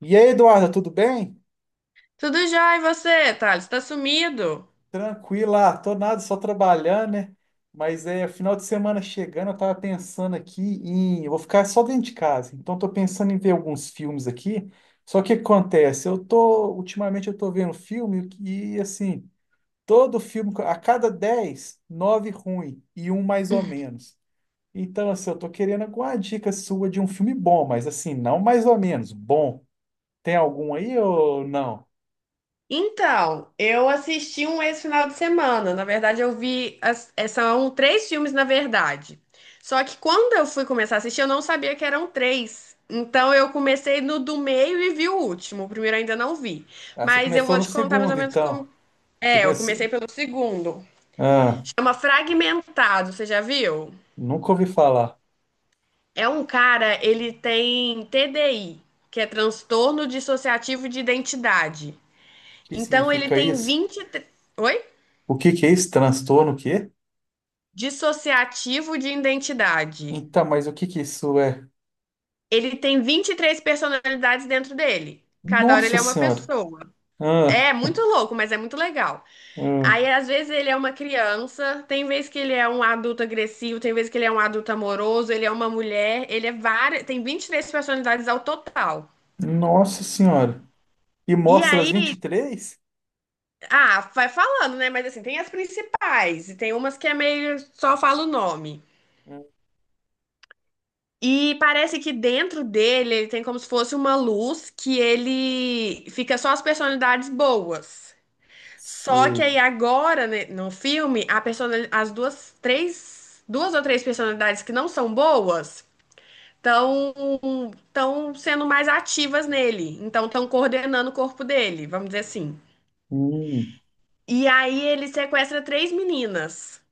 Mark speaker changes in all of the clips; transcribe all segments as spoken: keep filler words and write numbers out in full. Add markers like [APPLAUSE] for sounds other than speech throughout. Speaker 1: E aí, Eduarda, tudo bem?
Speaker 2: Tudo já, e você, Thales? Tá sumido?
Speaker 1: Tranquila, tô nada, só trabalhando, né? Mas é final de semana chegando, eu tava pensando aqui em. Eu vou ficar só dentro de casa, então tô pensando em ver alguns filmes aqui. Só que o que acontece? Eu tô. Ultimamente eu tô vendo filme e, assim, todo filme, a cada dez, nove ruim e um mais ou menos. Então, assim, eu tô querendo alguma dica sua de um filme bom, mas assim, não mais ou menos, bom. Tem algum aí ou não?
Speaker 2: Então, eu assisti um esse final de semana. Na verdade, eu vi. as- é, São três filmes, na verdade. Só que quando eu fui começar a assistir, eu não sabia que eram três. Então, eu comecei no do meio e vi o último. O primeiro eu ainda não vi.
Speaker 1: Ah, você
Speaker 2: Mas eu
Speaker 1: começou
Speaker 2: vou
Speaker 1: no
Speaker 2: te contar mais ou
Speaker 1: segundo,
Speaker 2: menos
Speaker 1: então.
Speaker 2: como.
Speaker 1: Você
Speaker 2: É, eu comecei
Speaker 1: começou.
Speaker 2: pelo segundo.
Speaker 1: Ah,
Speaker 2: Chama Fragmentado, você já viu?
Speaker 1: nunca ouvi falar. O
Speaker 2: É um cara, ele tem T D I, que é transtorno dissociativo de identidade.
Speaker 1: que
Speaker 2: Então ele
Speaker 1: significa
Speaker 2: tem
Speaker 1: isso?
Speaker 2: vinte. Oi?
Speaker 1: O que que é isso? Transtorno o quê?
Speaker 2: Dissociativo de identidade.
Speaker 1: Então, mas o que que isso é?
Speaker 2: Ele tem vinte e três personalidades dentro dele. Cada hora ele
Speaker 1: Nossa
Speaker 2: é uma
Speaker 1: Senhora!
Speaker 2: pessoa.
Speaker 1: Ah,
Speaker 2: É muito louco, mas é muito legal.
Speaker 1: ah,
Speaker 2: Aí, às vezes, ele é uma criança, tem vez que ele é um adulto agressivo, tem vez que ele é um adulto amoroso, ele é uma mulher, ele é várias. Tem vinte e três personalidades ao total.
Speaker 1: nossa Senhora! E
Speaker 2: E
Speaker 1: mostra as
Speaker 2: aí,
Speaker 1: vinte e três?
Speaker 2: ah, vai falando, né? Mas assim, tem as principais, e tem umas que é meio só fala o nome.
Speaker 1: Não
Speaker 2: E parece que dentro dele ele tem como se fosse uma luz que ele fica só as personalidades boas. Só que
Speaker 1: sei.
Speaker 2: aí agora, né, no filme, a personali- as duas, três, duas ou três personalidades que não são boas estão estão sendo mais ativas nele. Então estão coordenando o corpo dele, vamos dizer assim.
Speaker 1: Hum,
Speaker 2: E aí ele sequestra três meninas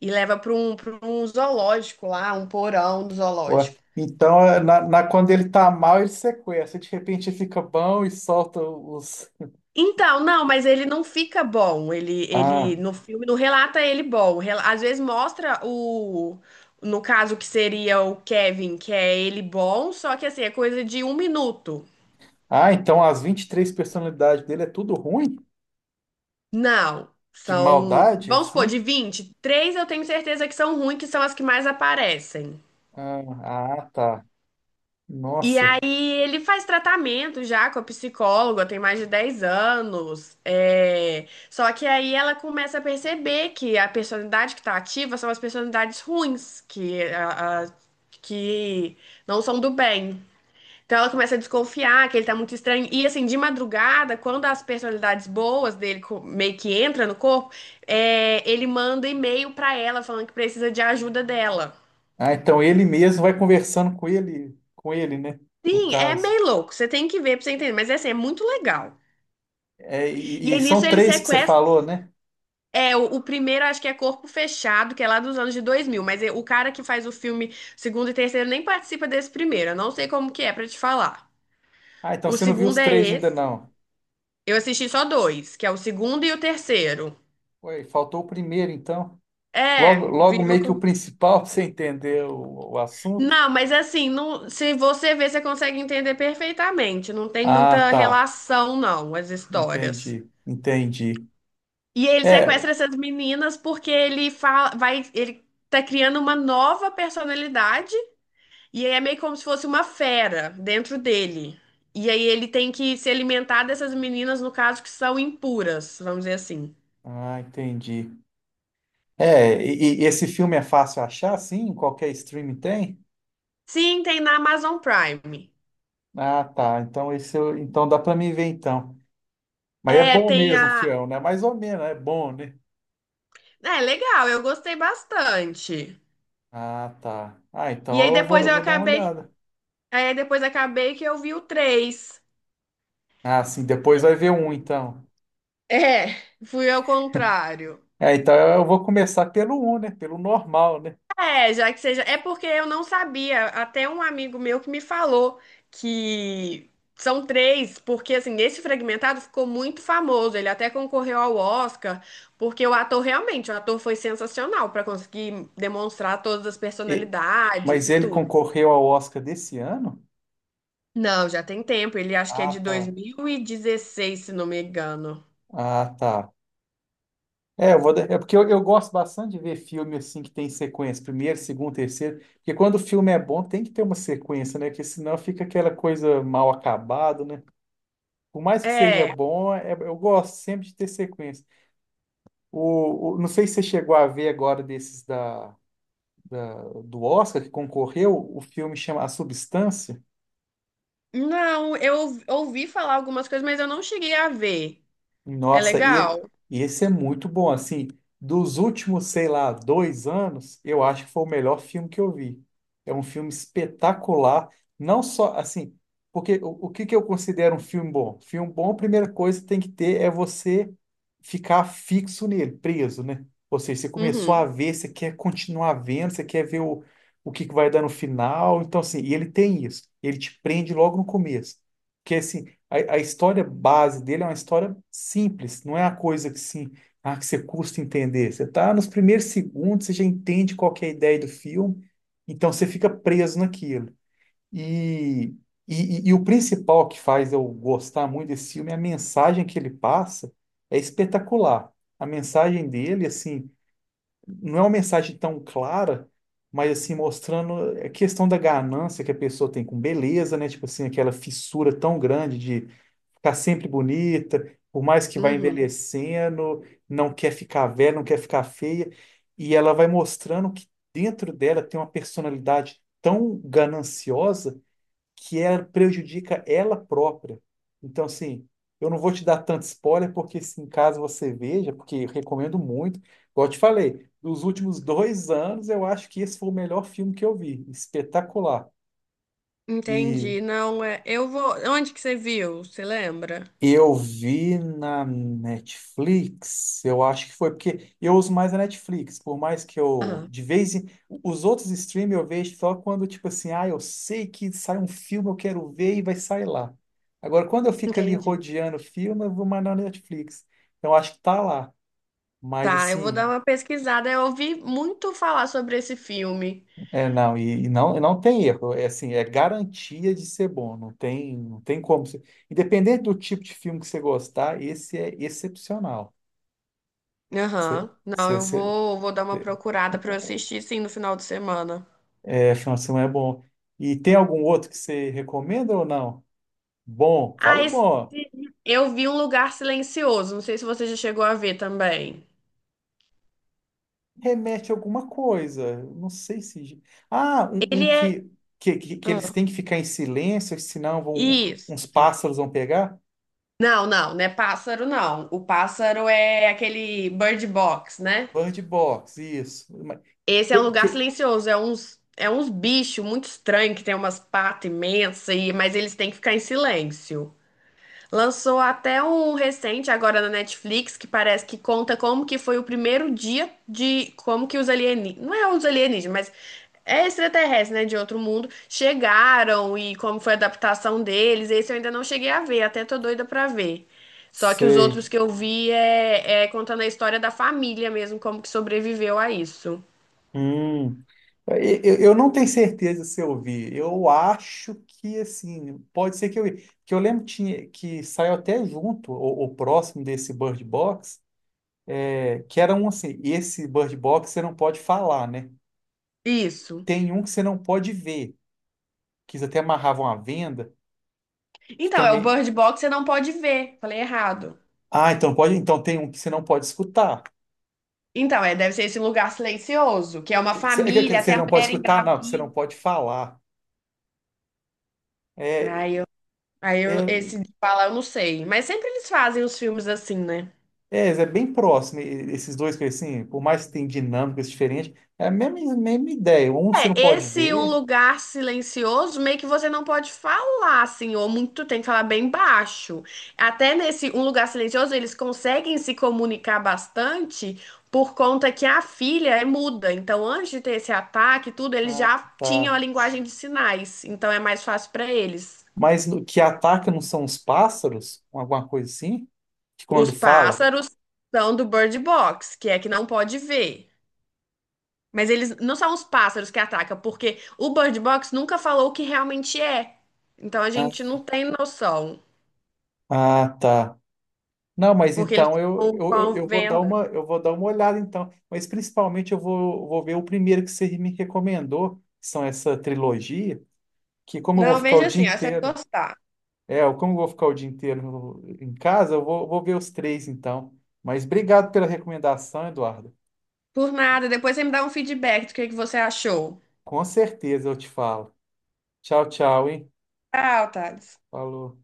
Speaker 2: e leva para um, para um zoológico lá, um porão do
Speaker 1: ué.
Speaker 2: zoológico.
Speaker 1: Então, é na, na- quando ele tá mal, ele sequestra. De repente, ele fica bom e solta os.
Speaker 2: Então, não, mas ele não fica bom. Ele,
Speaker 1: Ah,
Speaker 2: ele no filme não relata ele bom. Rela- Às vezes mostra o, no caso que seria o Kevin, que é ele bom, só que assim, é coisa de um minuto.
Speaker 1: ah, então as vinte e três personalidades dele é tudo ruim?
Speaker 2: Não,
Speaker 1: De
Speaker 2: são,
Speaker 1: maldade,
Speaker 2: vamos supor, de
Speaker 1: sim?
Speaker 2: vinte. Três eu tenho certeza que são ruins, que são as que mais aparecem.
Speaker 1: Ah, ah, tá.
Speaker 2: E
Speaker 1: Nossa.
Speaker 2: aí ele faz tratamento já com a psicóloga, tem mais de dez anos. é, Só que aí ela começa a perceber que a personalidade que tá ativa são as personalidades ruins, que, a- a- que não são do bem. Então ela começa a desconfiar que ele tá muito estranho. E assim, de madrugada, quando as personalidades boas dele co- meio que entra no corpo, é, ele manda e-mail pra ela falando que precisa de ajuda dela.
Speaker 1: Ah, então ele mesmo vai conversando com ele, com ele, né? No
Speaker 2: Sim, é
Speaker 1: caso.
Speaker 2: meio louco. Você tem que ver pra você entender. Mas assim, é muito legal.
Speaker 1: É, e,
Speaker 2: E
Speaker 1: e
Speaker 2: aí nisso
Speaker 1: são
Speaker 2: ele
Speaker 1: três que você
Speaker 2: sequestra.
Speaker 1: falou, né?
Speaker 2: É, o, o primeiro acho que é Corpo Fechado, que é lá dos anos de dois mil, mas é- o cara que faz o filme segundo e terceiro nem participa desse primeiro. Eu não sei como que é pra te falar.
Speaker 1: Ah, então
Speaker 2: O
Speaker 1: você não viu os
Speaker 2: segundo é
Speaker 1: três ainda
Speaker 2: esse.
Speaker 1: não.
Speaker 2: Eu assisti só dois, que é o segundo e o terceiro.
Speaker 1: Ué, faltou o primeiro, então. Logo,
Speaker 2: É,
Speaker 1: logo
Speaker 2: viu?
Speaker 1: meio que o
Speaker 2: com-
Speaker 1: principal [LAUGHS] pra você entender o, o assunto.
Speaker 2: Não, mas assim, não, se você ver, você consegue entender perfeitamente. Não tem
Speaker 1: Ah,
Speaker 2: muita
Speaker 1: tá.
Speaker 2: relação, não, as histórias.
Speaker 1: Entendi, entendi.
Speaker 2: E ele
Speaker 1: É,
Speaker 2: sequestra essas meninas porque ele fala, vai, ele tá criando uma nova personalidade. E aí é meio como se fosse uma fera dentro dele. E aí ele tem que se alimentar dessas meninas, no caso, que são impuras, vamos dizer assim.
Speaker 1: ah, entendi. É, e, e esse filme é fácil achar, sim? Qualquer streaming tem?
Speaker 2: Sim, tem na Amazon Prime.
Speaker 1: Ah, tá. Então esse, eu- então dá pra mim ver então. Mas é
Speaker 2: É,
Speaker 1: bom
Speaker 2: tem
Speaker 1: mesmo,
Speaker 2: a.
Speaker 1: fiel, né? Mais ou menos, é bom, né?
Speaker 2: É, legal, eu gostei bastante.
Speaker 1: Ah, tá. Ah,
Speaker 2: E
Speaker 1: então
Speaker 2: aí
Speaker 1: eu vou,
Speaker 2: depois
Speaker 1: eu
Speaker 2: eu
Speaker 1: vou dar uma
Speaker 2: acabei.
Speaker 1: olhada.
Speaker 2: Aí depois acabei que eu vi o três.
Speaker 1: Ah, sim, depois vai ver um, então.
Speaker 2: É, fui ao contrário.
Speaker 1: É, então eu vou começar pelo um, né? Pelo normal, né?
Speaker 2: É, já que seja. É porque eu não sabia. Até um amigo meu que me falou que são três, porque assim, esse fragmentado ficou muito famoso. Ele até concorreu ao Oscar, porque o ator realmente, o ator foi sensacional para conseguir demonstrar todas as
Speaker 1: E-
Speaker 2: personalidades
Speaker 1: mas
Speaker 2: e
Speaker 1: ele
Speaker 2: tudo.
Speaker 1: concorreu ao Oscar desse ano?
Speaker 2: Não, já tem tempo. Ele acho que é
Speaker 1: Ah,
Speaker 2: de
Speaker 1: tá.
Speaker 2: dois mil e dezesseis, se não me engano.
Speaker 1: Ah, tá. É, eu vou, dar- é porque eu, eu gosto bastante de ver filme assim que tem sequência, primeiro, segundo, terceiro, porque quando o filme é bom tem que ter uma sequência, né? Porque senão fica aquela coisa mal acabada, né? Por mais que seja
Speaker 2: É.
Speaker 1: bom, é- eu gosto sempre de ter sequência. O, o- não sei se você chegou a ver agora desses da da- do Oscar que concorreu, o filme chama A Substância.
Speaker 2: Não, eu ouvi falar algumas coisas, mas eu não cheguei a ver. É
Speaker 1: Nossa, e,
Speaker 2: legal?
Speaker 1: e esse é muito bom, assim, dos últimos, sei lá, dois anos, eu acho que foi o melhor filme que eu vi. É um filme espetacular, não só, assim, porque o, o que que eu considero um filme bom? Filme bom, a primeira coisa que tem que ter é você ficar fixo nele, preso, né? Ou seja, você começou a
Speaker 2: Uhum,
Speaker 1: ver, você quer continuar vendo, você quer ver o, o que que vai dar no final, então, assim, e ele tem isso, ele te prende logo no começo. Porque, assim, a, a história base dele é uma história simples, não é a coisa que sim, ah, que você custa entender. Você está nos primeiros segundos, você já entende qual que é a ideia do filme, então você fica preso naquilo. E, e, e- e o principal que faz eu gostar muito desse filme é a mensagem que ele passa, é espetacular. A mensagem dele, assim, não é uma mensagem tão clara, mas assim, mostrando a questão da ganância que a pessoa tem com beleza, né? Tipo assim, aquela fissura tão grande de ficar sempre bonita, por mais que vá
Speaker 2: uhum.
Speaker 1: envelhecendo, não quer ficar velha, não quer ficar feia, e ela vai mostrando que dentro dela tem uma personalidade tão gananciosa que ela prejudica ela própria. Então, assim, eu não vou te dar tanto spoiler, porque se em caso você veja, porque eu recomendo muito, igual eu te falei, dos últimos dois anos, eu acho que esse foi o melhor filme que eu vi, espetacular. E
Speaker 2: Entendi. Não, é. Eu vou. Onde que você viu? Você lembra?
Speaker 1: Eu vi na Netflix, eu acho que foi, porque eu uso mais a Netflix, por mais que eu,
Speaker 2: Aham,
Speaker 1: de vez em, os outros streams eu vejo só quando, tipo assim, ah, eu sei que sai um filme, eu quero ver e vai sair lá. Agora, quando eu fico ali
Speaker 2: entendi.
Speaker 1: rodeando filme, eu vou mais na Netflix. Então, eu acho que tá lá. Mas,
Speaker 2: Tá, eu vou dar
Speaker 1: assim,
Speaker 2: uma pesquisada. Eu ouvi muito falar sobre esse filme.
Speaker 1: é, não, e, e não, e não tem erro, é assim, é garantia de ser bom, não tem, não tem como. você- Independente do tipo de filme que você gostar, esse é excepcional. Cê,
Speaker 2: Aham. Não,
Speaker 1: cê,
Speaker 2: eu
Speaker 1: cê,
Speaker 2: vou, vou dar uma procurada pra eu assistir sim no final de semana.
Speaker 1: é, final de semana é bom. E tem algum outro que você recomenda ou não? Bom,
Speaker 2: Ah,
Speaker 1: falo
Speaker 2: esse...
Speaker 1: bom.
Speaker 2: eu vi Um Lugar Silencioso. Não sei se você já chegou a ver também.
Speaker 1: Remete a alguma coisa. Não sei se. Ah, um, um
Speaker 2: Ele é.
Speaker 1: que, que, que, que eles
Speaker 2: Ah,
Speaker 1: têm que ficar em silêncio, senão vão, uns
Speaker 2: isso.
Speaker 1: pássaros vão pegar?
Speaker 2: Não, não, não é pássaro, não. O pássaro é aquele Bird Box, né?
Speaker 1: Bird box, isso. Mas-
Speaker 2: Esse é um
Speaker 1: Que,
Speaker 2: lugar
Speaker 1: que-
Speaker 2: silencioso, é uns, é uns bichos muito estranhos que tem umas patas imensas, e, mas eles têm que ficar em silêncio. Lançou até um recente agora na Netflix que parece que conta como que foi o primeiro dia de como que os alienígenas, não é os alienígenas, mas é extraterrestre, né, de outro mundo, chegaram e como foi a adaptação deles. Esse eu ainda não cheguei a ver, até tô doida pra ver. Só que os outros
Speaker 1: Sei.
Speaker 2: que eu vi é, é contando a história da família mesmo, como que sobreviveu a isso.
Speaker 1: Hum. Eu, eu eu não tenho certeza se eu vi. Eu acho que, assim, pode ser que eu vi. Que eu lembro tinha, que saiu até junto, ou, ou próximo desse Bird Box, é, que era um assim, esse Bird Box você não pode falar, né?
Speaker 2: Isso.
Speaker 1: Tem um que você não pode ver, que eles até amarravam a venda, que
Speaker 2: Então, é o
Speaker 1: também...
Speaker 2: Bird Box, você não pode ver. Falei errado.
Speaker 1: Ah, então pode, então tem um que você não pode escutar.
Speaker 2: Então, é, deve ser esse lugar silencioso, que é uma
Speaker 1: Que Você é que- que
Speaker 2: família,
Speaker 1: você
Speaker 2: até a
Speaker 1: não pode
Speaker 2: mulher
Speaker 1: escutar, não, que você não
Speaker 2: engravida.
Speaker 1: pode falar. É,
Speaker 2: Aí eu, aí eu,
Speaker 1: é,
Speaker 2: esse de falar eu não sei. Mas sempre eles fazem os filmes assim, né?
Speaker 1: É, é bem próximo, e- e- esses dois que assim, por mais que tenham dinâmicas diferentes, é a mesma, mesma ideia. Um você
Speaker 2: É,
Speaker 1: não pode
Speaker 2: esse um
Speaker 1: ver,
Speaker 2: lugar silencioso, meio que você não pode falar, assim, ou muito tem que falar bem baixo. Até nesse um lugar silencioso, eles conseguem se comunicar bastante por conta que a filha é muda. Então, antes de ter esse ataque, e tudo, eles
Speaker 1: ah,
Speaker 2: já tinham a
Speaker 1: tá.
Speaker 2: linguagem de sinais. Então, é mais fácil para eles.
Speaker 1: Mas no- que ataca não são os pássaros, um, alguma coisa assim, que
Speaker 2: Os
Speaker 1: quando fala,
Speaker 2: pássaros são do Bird Box, que é que não pode ver. Mas eles não são os pássaros que atacam, porque o Bird Box nunca falou o que realmente é. Então a
Speaker 1: ah,
Speaker 2: gente não tem noção,
Speaker 1: ah, tá. Não, mas
Speaker 2: porque eles
Speaker 1: então eu,
Speaker 2: estão com
Speaker 1: eu, eu
Speaker 2: a
Speaker 1: eu vou dar
Speaker 2: venda.
Speaker 1: uma, eu vou dar uma olhada então. Mas principalmente eu vou, vou ver o primeiro que você me recomendou, que são essa trilogia, que como eu vou
Speaker 2: Não,
Speaker 1: ficar o
Speaker 2: veja
Speaker 1: dia
Speaker 2: assim, ó, você vai
Speaker 1: inteiro.
Speaker 2: gostar.
Speaker 1: É, eu- como eu vou ficar o dia inteiro no- em casa, eu vou, vou ver os três então. Mas obrigado pela recomendação, Eduardo.
Speaker 2: Por nada, depois você me dá um feedback do que que você achou.
Speaker 1: Com certeza eu te falo. Tchau, tchau, hein?
Speaker 2: Tchau, Thales.
Speaker 1: Falou.